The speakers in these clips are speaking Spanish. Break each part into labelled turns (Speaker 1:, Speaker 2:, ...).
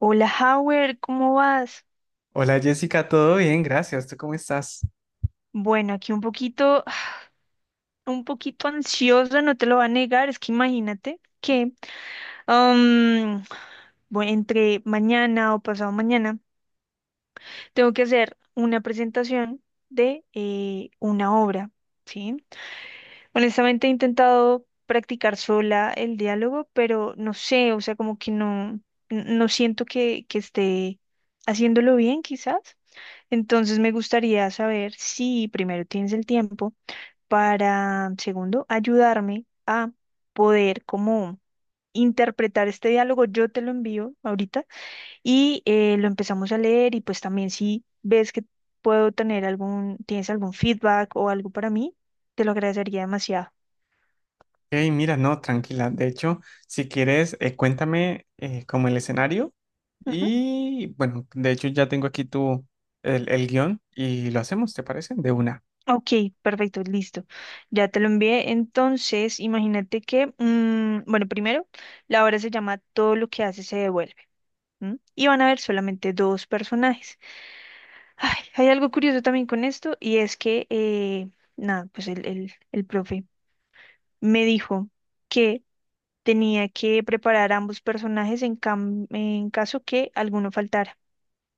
Speaker 1: Hola, Howard, ¿cómo vas?
Speaker 2: Hola Jessica, todo bien, gracias. ¿Tú cómo estás?
Speaker 1: Bueno, aquí un poquito, un poquito ansiosa, no te lo voy a negar, es que imagínate que am, bueno, entre mañana o pasado mañana tengo que hacer una presentación de una obra, ¿sí? Honestamente he intentado practicar sola el diálogo, pero no sé, o sea, como que no, no siento que, esté haciéndolo bien, quizás. Entonces me gustaría saber si primero tienes el tiempo para, segundo, ayudarme a poder como interpretar este diálogo. Yo te lo envío ahorita y lo empezamos a leer y pues también si ves que tienes algún feedback o algo para mí, te lo agradecería demasiado.
Speaker 2: Hey, mira, no, tranquila. De hecho, si quieres, cuéntame como el escenario
Speaker 1: Ujú.
Speaker 2: y bueno, de hecho ya tengo aquí tu el guión y lo hacemos, ¿te parece? De una.
Speaker 1: Ok, perfecto, listo. Ya te lo envié. Entonces, imagínate que, bueno, primero, la obra se llama Todo lo que hace se devuelve. ¿M? Y van a haber solamente dos personajes. Ay, hay algo curioso también con esto y es que, nada, pues el profe me dijo que tenía que preparar ambos personajes en, en caso que alguno faltara.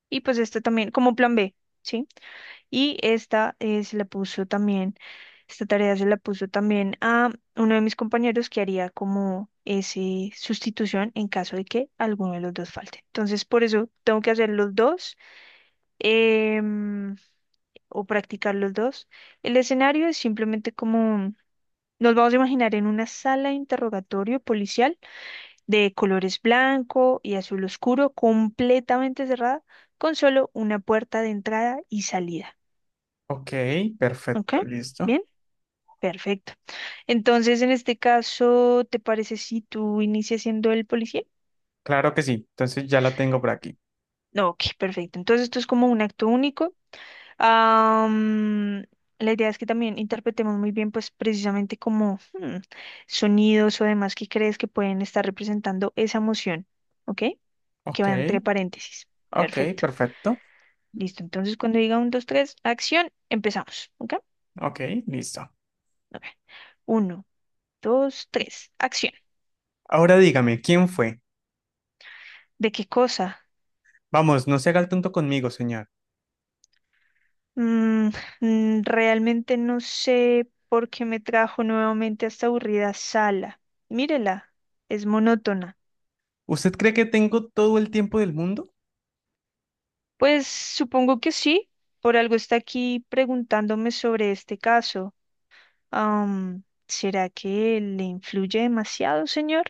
Speaker 1: Y pues esta también, como plan B, ¿sí? Y esta se la puso también, esta tarea se la puso también a uno de mis compañeros que haría como ese sustitución en caso de que alguno de los dos falte. Entonces, por eso tengo que hacer los dos em, o practicar los dos. El escenario es simplemente como nos vamos a imaginar en una sala de interrogatorio policial de colores blanco y azul oscuro, completamente cerrada, con solo una puerta de entrada y salida.
Speaker 2: Ok,
Speaker 1: ¿Ok?
Speaker 2: perfecto, listo.
Speaker 1: Bien, perfecto. Entonces, en este caso, ¿te parece si tú inicias siendo el policía?
Speaker 2: Claro que sí. Entonces ya la tengo por aquí.
Speaker 1: No, ok, perfecto. Entonces, esto es como un acto único. Am, la idea es que también interpretemos muy bien, pues precisamente como sonidos o demás que crees que pueden estar representando esa emoción, ¿ok? Que
Speaker 2: Ok,
Speaker 1: va entre paréntesis.
Speaker 2: ok,
Speaker 1: Perfecto.
Speaker 2: perfecto.
Speaker 1: Listo. Entonces, cuando diga un, dos, tres, acción, empezamos, ¿ok?
Speaker 2: Ok, listo.
Speaker 1: Ok. Uno, dos, tres, acción.
Speaker 2: Ahora dígame, ¿quién fue?
Speaker 1: ¿De qué cosa?
Speaker 2: Vamos, no se haga el tonto conmigo, señor.
Speaker 1: Mm, realmente no sé por qué me trajo nuevamente a esta aburrida sala. Mírela, es monótona.
Speaker 2: ¿Usted cree que tengo todo el tiempo del mundo?
Speaker 1: Pues supongo que sí, por algo está aquí preguntándome sobre este caso. ¿Será que le influye demasiado, señor?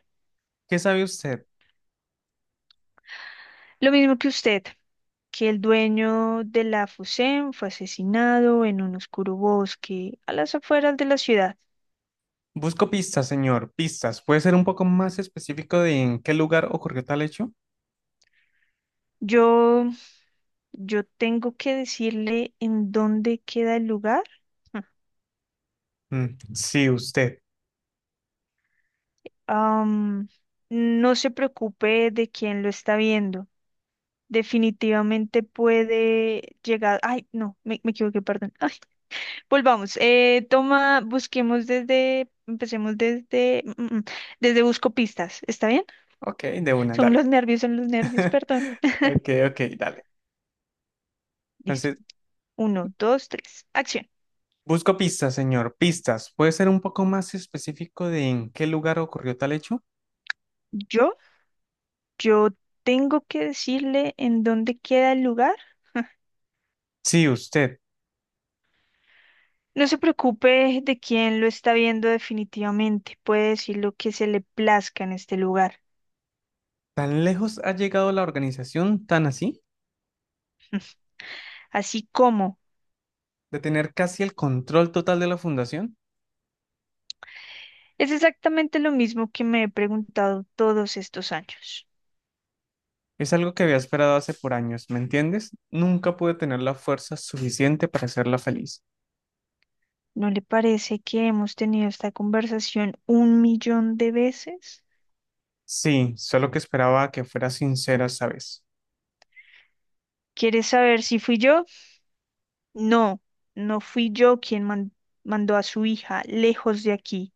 Speaker 2: ¿Qué sabe usted?
Speaker 1: Lo mismo que usted, que el dueño de la Fusem fue asesinado en un oscuro bosque a las afueras de la ciudad.
Speaker 2: Busco pistas, señor, pistas. ¿Puede ser un poco más específico de en qué lugar ocurrió tal hecho?
Speaker 1: Yo, yo tengo que decirle en dónde queda el lugar.
Speaker 2: Mm, sí, usted.
Speaker 1: Am, no se preocupe de quién lo está viendo. Definitivamente puede llegar. Ay, no, me equivoqué, perdón. Ay, volvamos. Toma, empecemos desde, desde busco pistas. ¿Está bien?
Speaker 2: Ok, de una, dale.
Speaker 1: Son los nervios, perdón.
Speaker 2: Ok, ok, dale.
Speaker 1: Listo.
Speaker 2: Entonces,
Speaker 1: Uno, dos, tres. Acción.
Speaker 2: busco pistas, señor, pistas. ¿Puede ser un poco más específico de en qué lugar ocurrió tal hecho?
Speaker 1: Yo, yo tengo que decirle en dónde queda el lugar.
Speaker 2: Sí, usted.
Speaker 1: No se preocupe de quién lo está viendo definitivamente. Puede decir lo que se le plazca en este lugar.
Speaker 2: ¿Tan lejos ha llegado la organización, tan así,
Speaker 1: Así como.
Speaker 2: de tener casi el control total de la fundación?
Speaker 1: Es exactamente lo mismo que me he preguntado todos estos años.
Speaker 2: Es algo que había esperado hace por años, ¿me entiendes? Nunca pude tener la fuerza suficiente para hacerla feliz.
Speaker 1: ¿No le parece que hemos tenido esta conversación un millón de veces?
Speaker 2: Sí, solo que esperaba que fuera sincera esta vez.
Speaker 1: ¿Quieres saber si fui yo? No, no fui yo quien mandó a su hija lejos de aquí.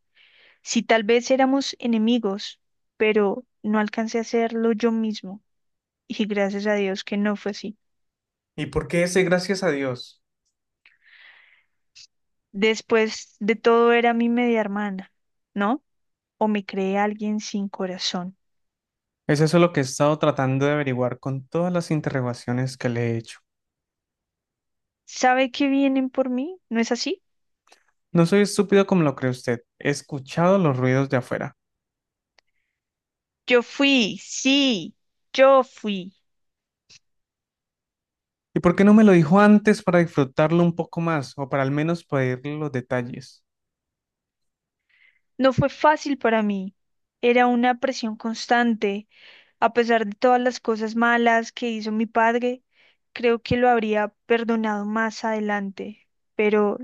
Speaker 1: Si tal vez éramos enemigos, pero no alcancé a hacerlo yo mismo. Y gracias a Dios que no fue así.
Speaker 2: ¿Y por qué ese gracias a Dios?
Speaker 1: Después de todo era mi media hermana, ¿no? O me creé alguien sin corazón.
Speaker 2: Es eso lo que he estado tratando de averiguar con todas las interrogaciones que le he hecho.
Speaker 1: Sabe que vienen por mí, ¿no es así?
Speaker 2: No soy estúpido como lo cree usted. He escuchado los ruidos de afuera.
Speaker 1: Yo fui, sí, yo fui.
Speaker 2: ¿Y por qué no me lo dijo antes para disfrutarlo un poco más o para al menos pedirle los detalles?
Speaker 1: No fue fácil para mí. Era una presión constante. A pesar de todas las cosas malas que hizo mi padre, creo que lo habría perdonado más adelante. Pero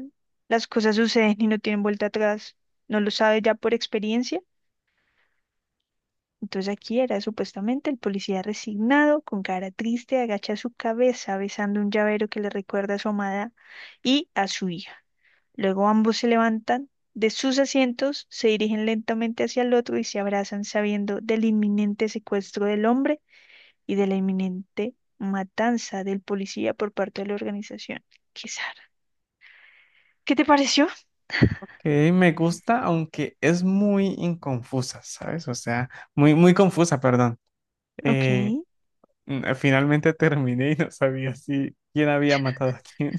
Speaker 1: las cosas suceden y no tienen vuelta atrás. ¿No lo sabe ya por experiencia? Entonces aquí era supuestamente el policía resignado, con cara triste, agacha su cabeza besando un llavero que le recuerda a su amada y a su hija. Luego ambos se levantan de sus asientos, se dirigen lentamente hacia el otro y se abrazan sabiendo del inminente secuestro del hombre y de la inminente matanza del policía por parte de la organización. Qué zarra. ¿Qué te pareció?
Speaker 2: Que me gusta, aunque es muy inconfusa, ¿sabes? O sea, muy, muy confusa, perdón. Eh,
Speaker 1: Ok.
Speaker 2: finalmente terminé y no sabía si quién había matado a quién.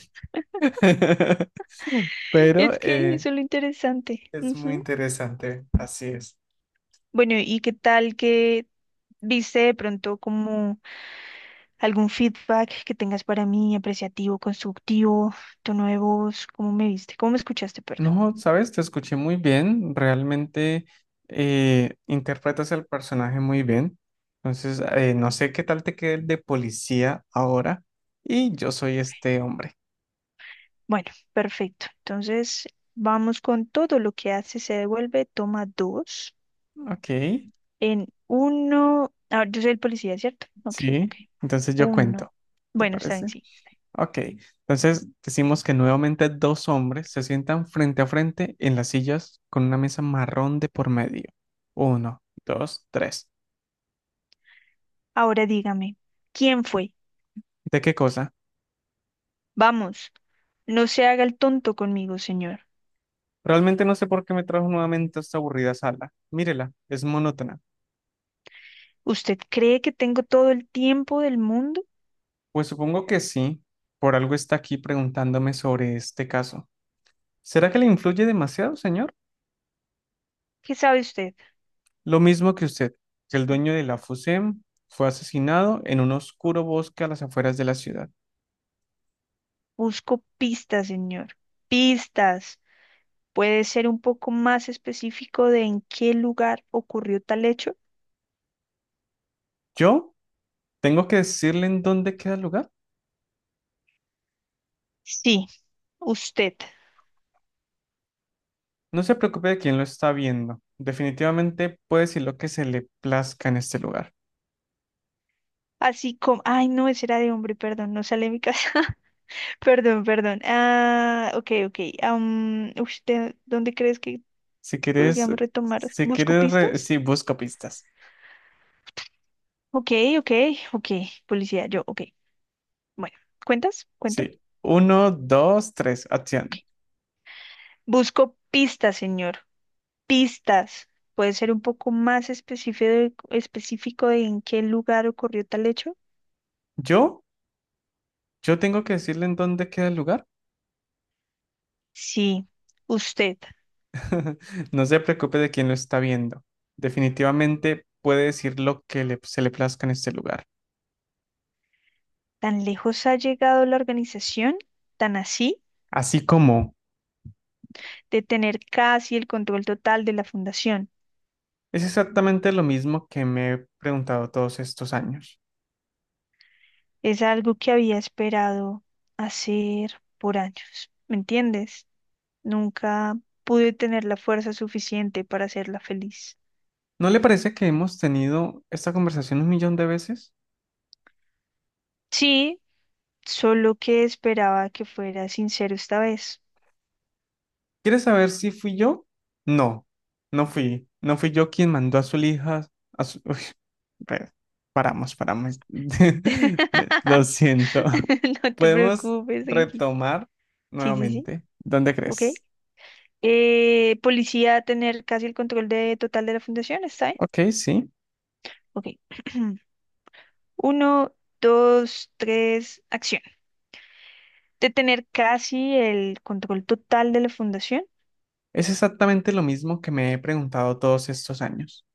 Speaker 2: Pero
Speaker 1: Es que eso es lo interesante.
Speaker 2: es muy
Speaker 1: Ujú.
Speaker 2: interesante, así es.
Speaker 1: Bueno, ¿y qué tal que viste de pronto como algún feedback que tengas para mí, apreciativo, constructivo, tono de voz? ¿Cómo me viste? ¿Cómo me escuchaste? Perdón.
Speaker 2: No, sabes, te escuché muy bien, realmente interpretas el personaje muy bien. Entonces, no sé qué tal te quede el de policía ahora. Y yo soy este hombre,
Speaker 1: Bueno, perfecto. Entonces, vamos con todo lo que hace, se devuelve, toma dos.
Speaker 2: ¿ok?
Speaker 1: En uno, ahora yo soy el policía, ¿cierto? Ok, ok.
Speaker 2: Sí, entonces yo
Speaker 1: Uno.
Speaker 2: cuento, ¿te
Speaker 1: Bueno, está bien,
Speaker 2: parece?
Speaker 1: sí, está bien.
Speaker 2: Ok, entonces decimos que nuevamente dos hombres se sientan frente a frente en las sillas con una mesa marrón de por medio. Uno, dos, tres.
Speaker 1: Ahora dígame, ¿quién fue?
Speaker 2: ¿De qué cosa?
Speaker 1: Vamos, no se haga el tonto conmigo, señor.
Speaker 2: Realmente no sé por qué me trajo nuevamente a esta aburrida sala. Mírela, es monótona.
Speaker 1: ¿Usted cree que tengo todo el tiempo del mundo?
Speaker 2: Pues supongo que sí, por algo está aquí preguntándome sobre este caso. ¿Será que le influye demasiado, señor?
Speaker 1: ¿Qué sabe usted?
Speaker 2: Lo mismo que usted, que el dueño de la FUSEM fue asesinado en un oscuro bosque a las afueras de la ciudad.
Speaker 1: Busco pistas, señor. Pistas. ¿Puede ser un poco más específico de en qué lugar ocurrió tal hecho?
Speaker 2: ¿Yo? Tengo que decirle en dónde queda el lugar.
Speaker 1: Sí, usted.
Speaker 2: No se preocupe de quién lo está viendo. Definitivamente puede decir lo que se le plazca en este lugar.
Speaker 1: Así como... Ay, no, ese era de hombre, perdón, no sale de mi casa. Perdón, perdón. Ah, ok, ok. ¿Usted dónde crees que
Speaker 2: Si quieres,
Speaker 1: podríamos retomar? ¿Busco pistas?
Speaker 2: sí, busco pistas.
Speaker 1: Ok, ok, ok. Policía, yo, ok. Bueno, ¿cuentas? ¿Cuento?
Speaker 2: Sí. Uno, dos, tres,
Speaker 1: Ok.
Speaker 2: acción.
Speaker 1: Busco pistas, señor. Pistas. ¿Puede ser un poco más específico de en qué lugar ocurrió tal hecho?
Speaker 2: Yo, yo tengo que decirle en dónde queda el lugar.
Speaker 1: Sí. ¿Usted
Speaker 2: No se preocupe de quién lo está viendo. Definitivamente puede decir lo que se le plazca en este lugar.
Speaker 1: tan lejos ha llegado la organización, tan así,
Speaker 2: Así como
Speaker 1: de tener casi el control total de la fundación?
Speaker 2: es exactamente lo mismo que me he preguntado todos estos años.
Speaker 1: Es algo que había esperado hacer por años, ¿me entiendes? Nunca pude tener la fuerza suficiente para hacerla feliz.
Speaker 2: ¿No le parece que hemos tenido esta conversación un millón de veces?
Speaker 1: Sí, solo que esperaba que fuera sincero esta vez.
Speaker 2: ¿Quieres saber si fui yo? No, No fui yo quien mandó a su hija Uy, re- paramos, paramos. Lo siento.
Speaker 1: No te
Speaker 2: Podemos
Speaker 1: preocupes, Genki.
Speaker 2: retomar
Speaker 1: Sí, sí, sí.
Speaker 2: nuevamente. ¿Dónde
Speaker 1: Ok.
Speaker 2: crees?
Speaker 1: Policía tener casi el total de la fundación, ¿está bien?
Speaker 2: Ok, sí.
Speaker 1: Ok. Uno, dos, tres, acción. De tener casi el control total de la fundación
Speaker 2: Es exactamente lo mismo que me he preguntado todos estos años.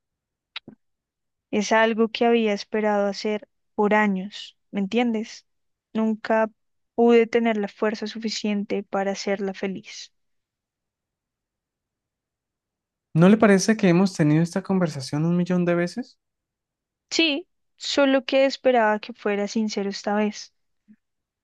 Speaker 1: es algo que había esperado hacer por años, ¿me entiendes? Nunca pude tener la fuerza suficiente para hacerla feliz.
Speaker 2: ¿No le parece que hemos tenido esta conversación un millón de veces?
Speaker 1: Sí, solo que esperaba que fuera sincero esta vez.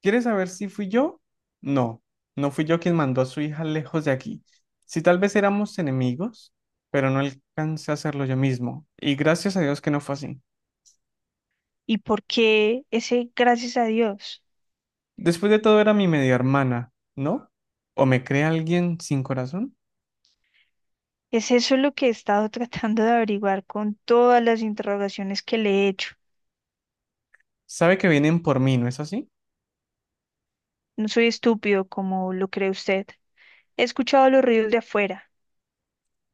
Speaker 2: ¿Quieres saber si fui yo? No, no fui yo quien mandó a su hija lejos de aquí. Si tal vez éramos enemigos, pero no alcancé a hacerlo yo mismo. Y gracias a Dios que no fue así.
Speaker 1: Y por qué ese gracias a Dios.
Speaker 2: Después de todo era mi media hermana, ¿no? ¿O me cree alguien sin corazón?
Speaker 1: Es eso lo que he estado tratando de averiguar con todas las interrogaciones que le he hecho.
Speaker 2: Sabe que vienen por mí, ¿no es así?
Speaker 1: No soy estúpido como lo cree usted. He escuchado los ruidos de afuera.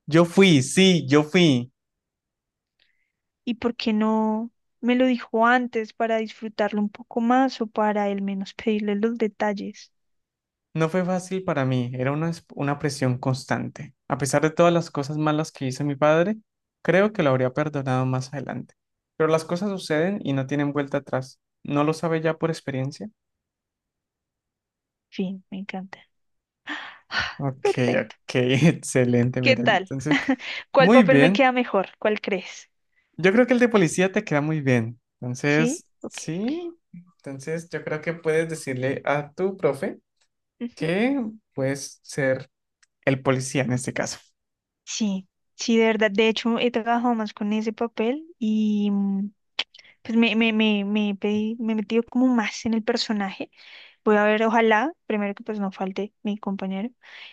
Speaker 2: Yo fui, sí, yo fui.
Speaker 1: ¿Y por qué no me lo dijo antes para disfrutarlo un poco más o para al menos pedirle los detalles?
Speaker 2: No fue fácil para mí, era una presión constante. A pesar de todas las cosas malas que hizo mi padre, creo que lo habría perdonado más adelante. Pero las cosas suceden y no tienen vuelta atrás. ¿No lo sabe ya por experiencia?
Speaker 1: Fin, me encanta.
Speaker 2: Ok,
Speaker 1: Perfecto.
Speaker 2: ok, excelente,
Speaker 1: ¿Qué
Speaker 2: miren.
Speaker 1: tal?
Speaker 2: Entonces,
Speaker 1: ¿Cuál
Speaker 2: muy
Speaker 1: papel me
Speaker 2: bien.
Speaker 1: queda mejor? ¿Cuál crees?
Speaker 2: Yo creo que el de policía te queda muy bien.
Speaker 1: ¿Sí?
Speaker 2: Entonces,
Speaker 1: Ok, ok.
Speaker 2: sí. Entonces, yo creo que puedes decirle a tu profe
Speaker 1: Ujú.
Speaker 2: que puedes ser el policía en este caso.
Speaker 1: Sí, sí, de verdad. De hecho, he trabajado más con ese papel y pues me he metido como más en el personaje. Voy a ver, ojalá, primero que pues no falte mi compañero.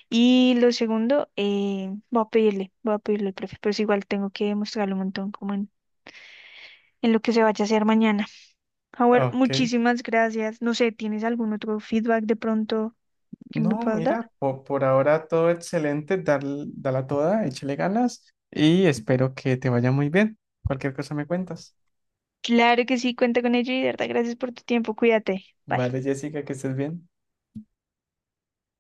Speaker 1: Y lo segundo, voy a pedirle al profe, pero es igual tengo que mostrarle un montón como en lo que se vaya a hacer mañana. Howard,
Speaker 2: Ok.
Speaker 1: muchísimas gracias. No sé, ¿tienes algún otro feedback de pronto que me
Speaker 2: No,
Speaker 1: puedas dar?
Speaker 2: mira, ahora todo excelente, dala toda, échale ganas y espero que te vaya muy bien. Cualquier cosa me cuentas.
Speaker 1: Claro que sí, cuenta con ello y de verdad, gracias por tu tiempo. Cuídate. Bye.
Speaker 2: Vale, Jessica, que estés bien.